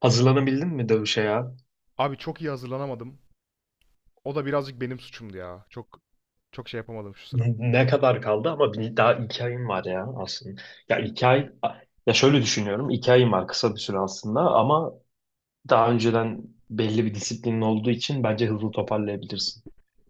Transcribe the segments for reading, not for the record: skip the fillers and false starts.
Hazırlanabildin mi dövüşe ya? Abi çok iyi hazırlanamadım. O da birazcık benim suçumdu ya. Çok çok şey yapamadım şu sıra. Ne kadar kaldı ama daha 2 ayın var ya aslında. Ya 2 ay, ya şöyle düşünüyorum. 2 ayın var, kısa bir süre aslında, ama daha önceden belli bir disiplinin olduğu için bence hızlı toparlayabilirsin.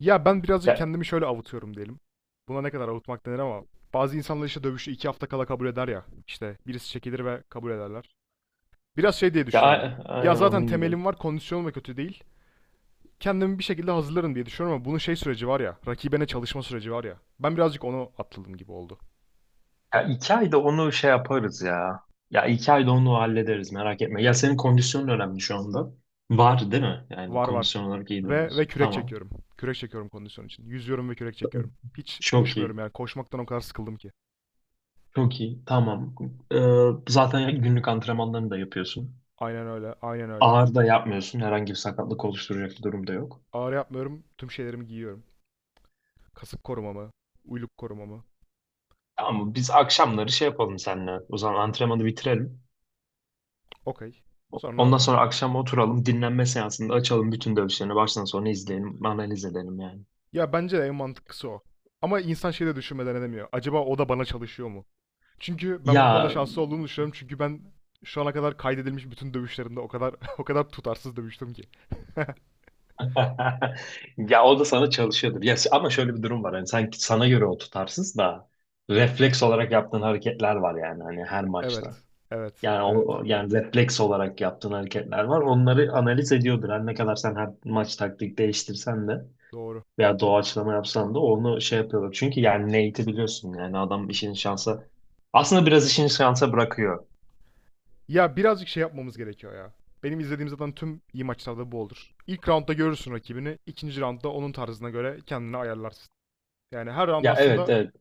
Ya ben birazcık Ya, kendimi şöyle avutuyorum diyelim. Buna ne kadar avutmak denir ama bazı insanlar işte dövüşü 2 hafta kala kabul eder ya. İşte birisi çekilir ve kabul ederler. Biraz şey diye ya düşünüyorum. a- Ya aynen zaten onun gibi. temelim var, kondisyonum da kötü değil. Kendimi bir şekilde hazırlarım diye düşünüyorum ama bunun şey süreci var ya, rakibine çalışma süreci var ya. Ben birazcık onu atladım gibi oldu. Ya 2 ayda onu şey yaparız ya. Ya iki ayda onu hallederiz, merak etme. Ya senin kondisyonun önemli şu anda. Var değil mi? Yani Var var. kondisyon olarak iyi Ve durumdasın. kürek Tamam. çekiyorum. Kürek çekiyorum kondisyon için. Yüzüyorum ve kürek Tamam. çekiyorum. Hiç Çok koşmuyorum iyi. yani. Koşmaktan o kadar sıkıldım ki. Çok iyi. Tamam. Zaten günlük antrenmanlarını da yapıyorsun. Aynen öyle. Aynen öyle. Ağır da yapmıyorsun. Herhangi bir sakatlık oluşturacak bir durum da yok. Ağrı yapmıyorum. Tüm şeylerimi giyiyorum. Kasık korumamı, uyluk korumamı. Ama biz akşamları şey yapalım seninle. O zaman antrenmanı bitirelim. Okey. Sonra Ondan sonra akşam oturalım. Dinlenme seansında açalım bütün dövüşlerini. Baştan sona izleyelim. Analiz edelim yani. ya bence de en mantıklısı o. Ama insan şeyi de düşünmeden edemiyor. Acaba o da bana çalışıyor mu? Çünkü ben bu konuda Ya şanslı olduğumu düşünüyorum. Çünkü ben şu ana kadar kaydedilmiş bütün dövüşlerimde o kadar o kadar tutarsız dövüştüm ki. ya o da sana çalışıyordur. Ya ama şöyle bir durum var. Hani sanki sana göre o tutarsız da, refleks olarak yaptığın hareketler var yani hani her maçta. Evet. Evet. Yani Evet. o, yani refleks olarak yaptığın hareketler var. Onları analiz ediyordur. Her ne kadar sen her maç taktik değiştirsen de Doğru. veya doğaçlama yapsan da onu şey yapıyorlar. Çünkü yani Nate'i biliyorsun yani, adam işini şansa aslında biraz işini şansa bırakıyor. Ya birazcık şey yapmamız gerekiyor ya. Benim izlediğim zaten tüm iyi maçlarda bu olur. İlk roundda görürsün rakibini, ikinci roundda onun tarzına göre kendini ayarlarsın. Yani her round Ya, evet aslında evet.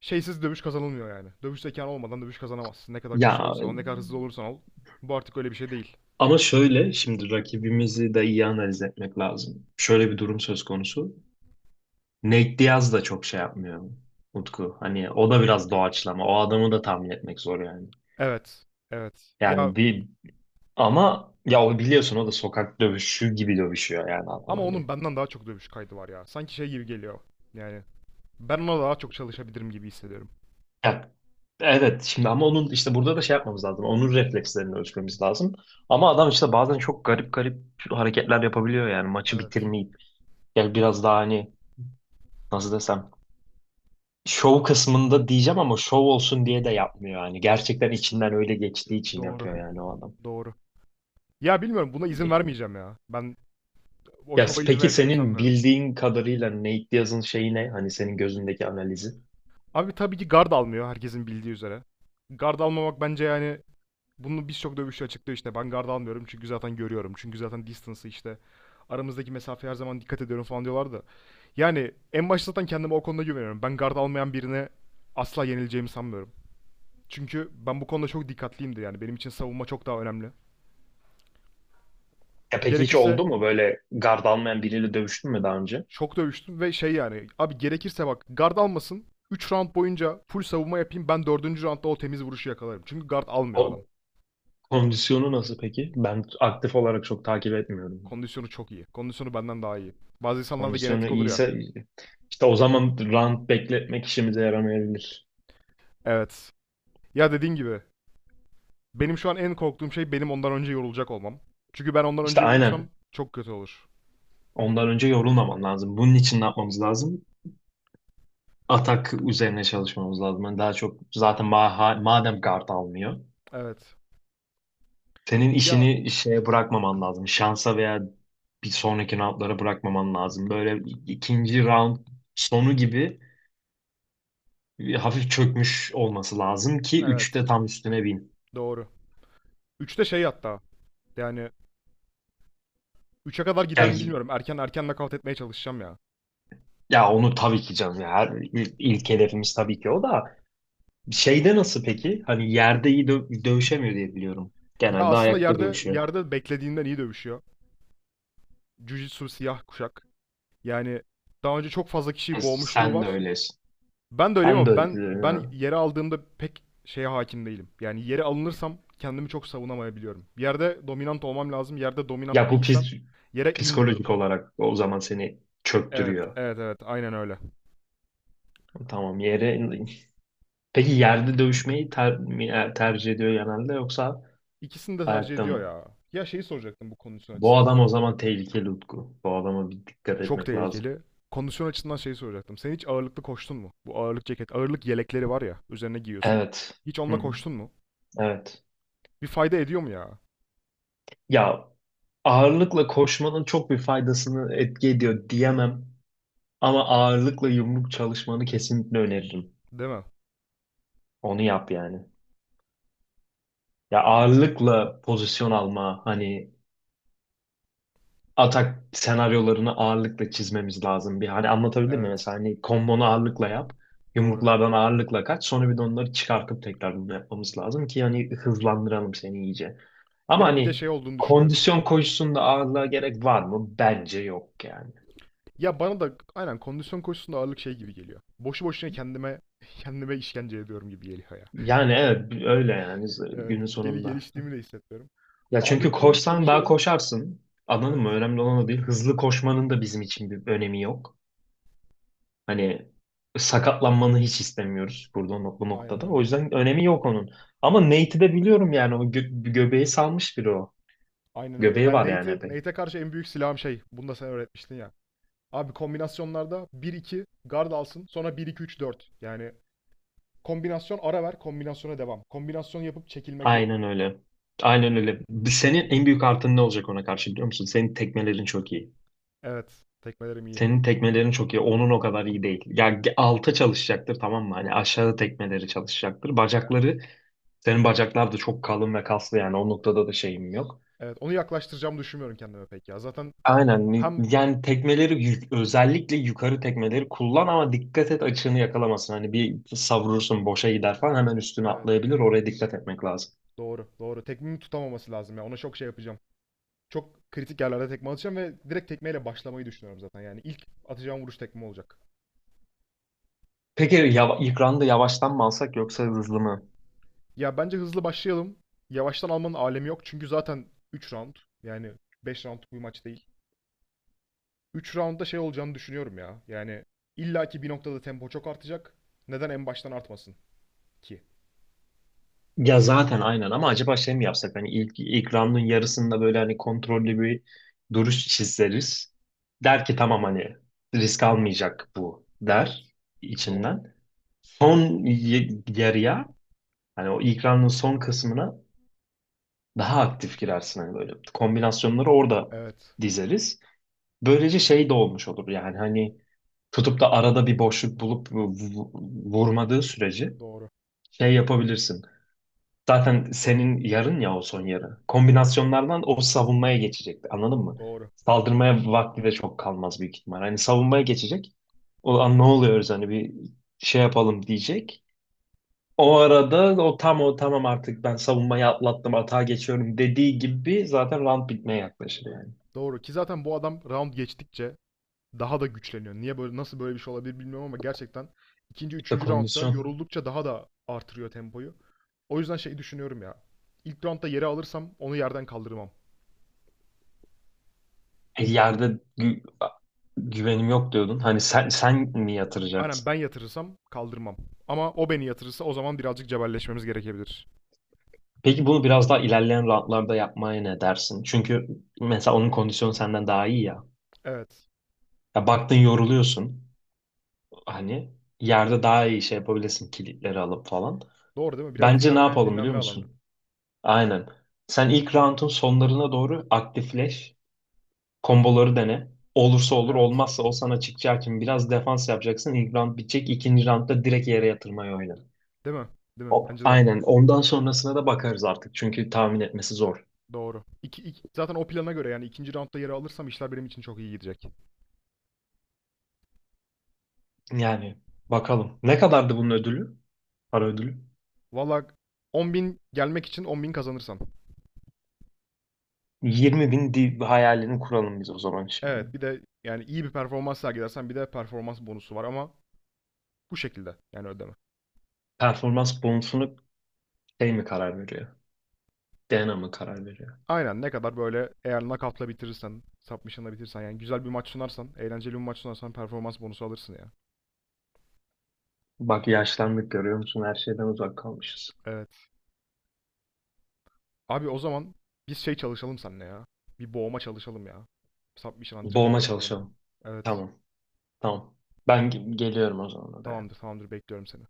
şeysiz dövüş kazanılmıyor yani. Dövüş zekan olmadan dövüş kazanamazsın. Ne kadar güçlü Ya olursan ne kadar hızlı olursan ol. Bu artık öyle bir şey değil. ama şöyle, şimdi rakibimizi de iyi analiz etmek lazım. Şöyle bir durum söz konusu. Nate Diaz da çok şey yapmıyor Utku. Hani o da biraz doğaçlama. O adamı da tahmin etmek zor yani. Evet, evet. Ya Yani bir Ama ya, o biliyorsun, o da sokak dövüşü gibi dövüşüyor yani adam, ama onun hani. benden daha çok dövüş kaydı var ya. Sanki şey gibi geliyor. Yani ben ona daha çok çalışabilirim gibi hissediyorum. Ya, evet, şimdi ama onun işte burada da şey yapmamız lazım. Onun reflekslerini ölçmemiz lazım. Ama adam işte bazen çok garip garip hareketler yapabiliyor yani, maçı Evet, bitirmeyip. Yani biraz daha, hani nasıl desem, şov kısmında diyeceğim ama şov olsun diye de yapmıyor yani. Gerçekten içinden öyle geçtiği için doğru, yapıyor yani, o adam. doğru. Ya bilmiyorum buna izin vermeyeceğim ya. Ben o Ya şova izin peki vereceğimi senin sanmıyorum. bildiğin kadarıyla Nate Diaz'ın şeyi ne? Hani senin gözündeki analizi. Abi tabii ki guard almıyor herkesin bildiği üzere. Guard almamak bence yani bunu birçok dövüşçü açıklıyor işte ben guard almıyorum çünkü zaten görüyorum. Çünkü zaten distance'ı işte aramızdaki mesafeye her zaman dikkat ediyorum falan diyorlar da. Yani en başta zaten kendime o konuda güveniyorum. Ben guard almayan birine asla yenileceğimi sanmıyorum. Çünkü ben bu konuda çok dikkatliyimdir yani benim için savunma çok daha önemli. Ya peki hiç Gerekirse oldu mu, böyle gard almayan biriyle dövüştün mü daha önce? çok dövüştüm ve şey yani abi gerekirse bak guard almasın 3 round boyunca full savunma yapayım ben dördüncü roundda o temiz vuruşu yakalarım. Çünkü guard almıyor adam. O kondisyonu nasıl peki? Ben aktif olarak çok takip etmiyorum. Kondisyonu çok iyi. Kondisyonu benden daha iyi. Bazı insanlarda Kondisyonu genetik olur ya. iyiyse işte o zaman round bekletmek işimize yaramayabilir. Evet. Ya dediğin gibi benim şu an en korktuğum şey benim ondan önce yorulacak olmam. Çünkü ben ondan İşte önce yorulursam aynen. çok kötü olur. Ondan önce yorulmaman lazım. Bunun için ne yapmamız lazım? Atak üzerine çalışmamız lazım. Yani daha çok, zaten madem guard almıyor. Evet. Senin Ya işini şeye bırakmaman lazım. Şansa veya bir sonraki roundlara bırakmaman lazım. Böyle ikinci round sonu gibi bir hafif çökmüş olması lazım ki evet. üçte tam üstüne bin. Doğru. Üçte şey hatta. Yani üçe kadar Ya, gider mi bilmiyorum. Erken erken nakavt etmeye çalışacağım ya. ya onu tabii ki canım ya. İlk hedefimiz tabii ki o da. Şeyde nasıl peki? Hani yerde iyi dövüşemiyor diye biliyorum. Ya Genelde aslında ayakta yerde dövüşüyor. yerde beklediğinden iyi dövüşüyor. Jiu-Jitsu siyah kuşak. Yani daha önce çok fazla kişiyi boğmuşluğu Sen de var. öylesin. Ben de öyleyim Sen ama de ben öylesin, ben ha. yere aldığımda pek şeye hakim değilim. Yani yere alınırsam kendimi çok savunamayabiliyorum. Bir yerde dominant olmam lazım. Yerde Ya dominant bu değilsem pis- yere inmiyorum. psikolojik olarak o zaman seni Evet, çöktürüyor. evet, evet. Aynen öyle. Tamam, yere. Peki yerde dövüşmeyi tercih ediyor genelde, yoksa İkisini de tercih ayakta ediyor mı? ya. Ya şeyi soracaktım bu kondisyon Bu açısından. adam o zaman tehlikeli Utku. Bu adama bir dikkat Çok etmek lazım. tehlikeli. Kondisyon açısından şeyi soracaktım. Sen hiç ağırlıklı koştun mu? Bu ağırlık ceket, ağırlık yelekleri var ya, üzerine giyiyorsun. Evet. Hiç Hı onunla hı. koştun mu? Evet. Bir fayda ediyor mu ya? Ya, ağırlıkla koşmanın çok bir faydasını etki ediyor diyemem. Ama ağırlıkla yumruk çalışmanı kesinlikle öneririm. Değil mi? Onu yap yani. Ya Abi, ağırlıkla pozisyon alma, hani atak senaryolarını ağırlıkla çizmemiz lazım. Bir hani, anlatabildim mi? evet, Mesela hani kombonu ağırlıkla yap. doğru. Yumruklardan ağırlıkla kaç. Sonra bir de onları çıkartıp tekrar bunu yapmamız lazım ki hani hızlandıralım seni iyice. Ama Ya bir de hani şey olduğunu düşünüyorum. kondisyon koşusunda ağırlığa gerek var mı? Bence yok yani. Ya bana da aynen kondisyon koşusunda ağırlık şey gibi geliyor. Boşu boşuna kendime kendime işkence ediyorum gibi geliyor ya. Yani evet, öyle yani, Evet, günün geli sonunda. geliştiğimi de hissetmiyorum. Ya çünkü Ağırlıklı yumruk koşsan daha çalışıyorum. koşarsın. Anladın Evet, mı? Önemli olan o değil. Hızlı koşmanın da bizim için bir önemi yok. Hani sakatlanmanı hiç istemiyoruz burada, bu aynen noktada. O öyle. yüzden önemi yok onun. Ama Nate'i de biliyorum yani, o göbeği salmış biri o. Aynen öyle. Göbeği Yani var yani epey. Nate'e karşı en büyük silahım şey. Bunu da sen öğretmiştin ya. Abi kombinasyonlarda bir iki guard alsın. Sonra bir iki üç dört. Yani kombinasyon ara ver. Kombinasyona devam. Kombinasyon yapıp çekilmek yok. Aynen öyle. Aynen öyle. Senin en büyük artın ne olacak ona karşı, biliyor musun? Senin tekmelerin çok iyi. Evet. Tekmelerim iyi. Senin tekmelerin çok iyi. Onun o kadar iyi değil. Ya alta çalışacaktır, tamam mı? Hani Evet. aşağı tekmeleri çalışacaktır. Evet. Bacakları, senin bacaklar da çok kalın ve kaslı yani, o noktada da şeyim yok. Evet. Onu yaklaştıracağımı düşünmüyorum kendime pek ya. Zaten Aynen. Hem Yani tekmeleri, özellikle yukarı tekmeleri kullan, ama dikkat et açığını yakalamasın. Hani bir savrursun, boşa gider falan, hemen üstüne evet. atlayabilir. Oraya dikkat etmek lazım. Doğru, doğru. Tekmeyi tutamaması lazım ya. Ona çok şey yapacağım. Çok kritik yerlerde tekme atacağım ve direkt tekmeyle başlamayı düşünüyorum zaten. Yani ilk atacağım vuruş tekme olacak. Peki ilk round'u yavaştan mı alsak yoksa hızlı mı? Ya bence hızlı başlayalım. Yavaştan almanın alemi yok. Çünkü zaten 3 round. Yani 5 roundluk bir maç değil. 3 roundda şey olacağını düşünüyorum ya. Yani illaki bir noktada tempo çok artacak. Neden en baştan artmasın ki? Ya zaten aynen, ama acaba şey mi yapsak? Hani ilk round'un yarısında böyle hani kontrollü bir duruş çizeriz. Der ki tamam, hani risk almayacak bu, der Evet, doğru. içinden. Son yarıya, hani o ilk round'un son kısmına daha aktif girersin, hani böyle kombinasyonları orada Evet, dizeriz. Böylece şey de olmuş olur yani, hani tutup da arada bir boşluk bulup vurmadığı sürece doğru. şey yapabilirsin. Zaten senin yarın ya o son yarı. Evet, Kombinasyonlardan o savunmaya geçecek. Anladın mı? doğru. Saldırmaya vakti de çok kalmaz büyük ihtimal. Hani savunmaya geçecek. O an ne oluyoruz, hani bir şey yapalım diyecek. O arada o, tam o, tamam artık ben savunmayı atlattım, atağa geçiyorum dediği gibi zaten round bitmeye yaklaşır yani. Doğru ki zaten bu adam round geçtikçe daha da güçleniyor. Niye böyle nasıl böyle bir şey olabilir bilmiyorum ama gerçekten ikinci, İşte üçüncü roundda kondisyon. yoruldukça daha da artırıyor tempoyu. O yüzden şey düşünüyorum ya. İlk roundda yere alırsam onu yerden kaldırmam. Yerde güvenim yok diyordun. Hani sen mi Aynen yatıracaksın? ben yatırırsam kaldırmam. Ama o beni yatırırsa o zaman birazcık cebelleşmemiz gerekebilir. Peki bunu biraz daha ilerleyen roundlarda yapmaya ne dersin? Çünkü mesela onun kondisyonu senden daha iyi ya. Evet. Ya baktın yoruluyorsun. Hani yerde daha iyi şey yapabilirsin, kilitleri alıp falan. Doğru değil mi? Biraz Bence ne dinlenme, yapalım biliyor dinlenme alanı. musun? Aynen. Sen ilk roundun sonlarına doğru aktifleş. Komboları dene. Olursa olur, Evet. olmazsa o sana çıkacağı için biraz defans yapacaksın. İlk round bitecek. İkinci roundda direkt yere yatırmayı oyna. Değil mi? Değil mi? O, Bence de. aynen. Ondan sonrasına da bakarız artık. Çünkü tahmin etmesi zor. Doğru. Zaten o plana göre yani ikinci roundda yere alırsam işler benim için çok iyi gidecek. Yani bakalım. Ne kadardı bunun ödülü? Para ödülü. Valla 10.000 gelmek için 10.000 kazanırsam. 20 bin hayalini kuralım biz o zaman şimdi. Evet, bir de yani iyi bir performans sergilersen bir de performans bonusu var ama bu şekilde yani ödeme. Performans bonusunu şey mi karar veriyor? DNA mı karar veriyor? Aynen ne kadar böyle eğer knockout'la bitirirsen, submission'la bitirirsen yani güzel bir maç sunarsan, eğlenceli bir maç sunarsan performans bonusu alırsın ya. Bak yaşlandık, görüyor musun? Her şeyden uzak kalmışız. Evet. Abi o zaman biz şey çalışalım seninle ya. Bir boğma çalışalım ya. Submission antrenmanı Boğma bir yapalım. çalışalım. Evet. Tamam. Tamam. Ben geliyorum o zaman oraya. Tamamdır, tamamdır. Bekliyorum seni.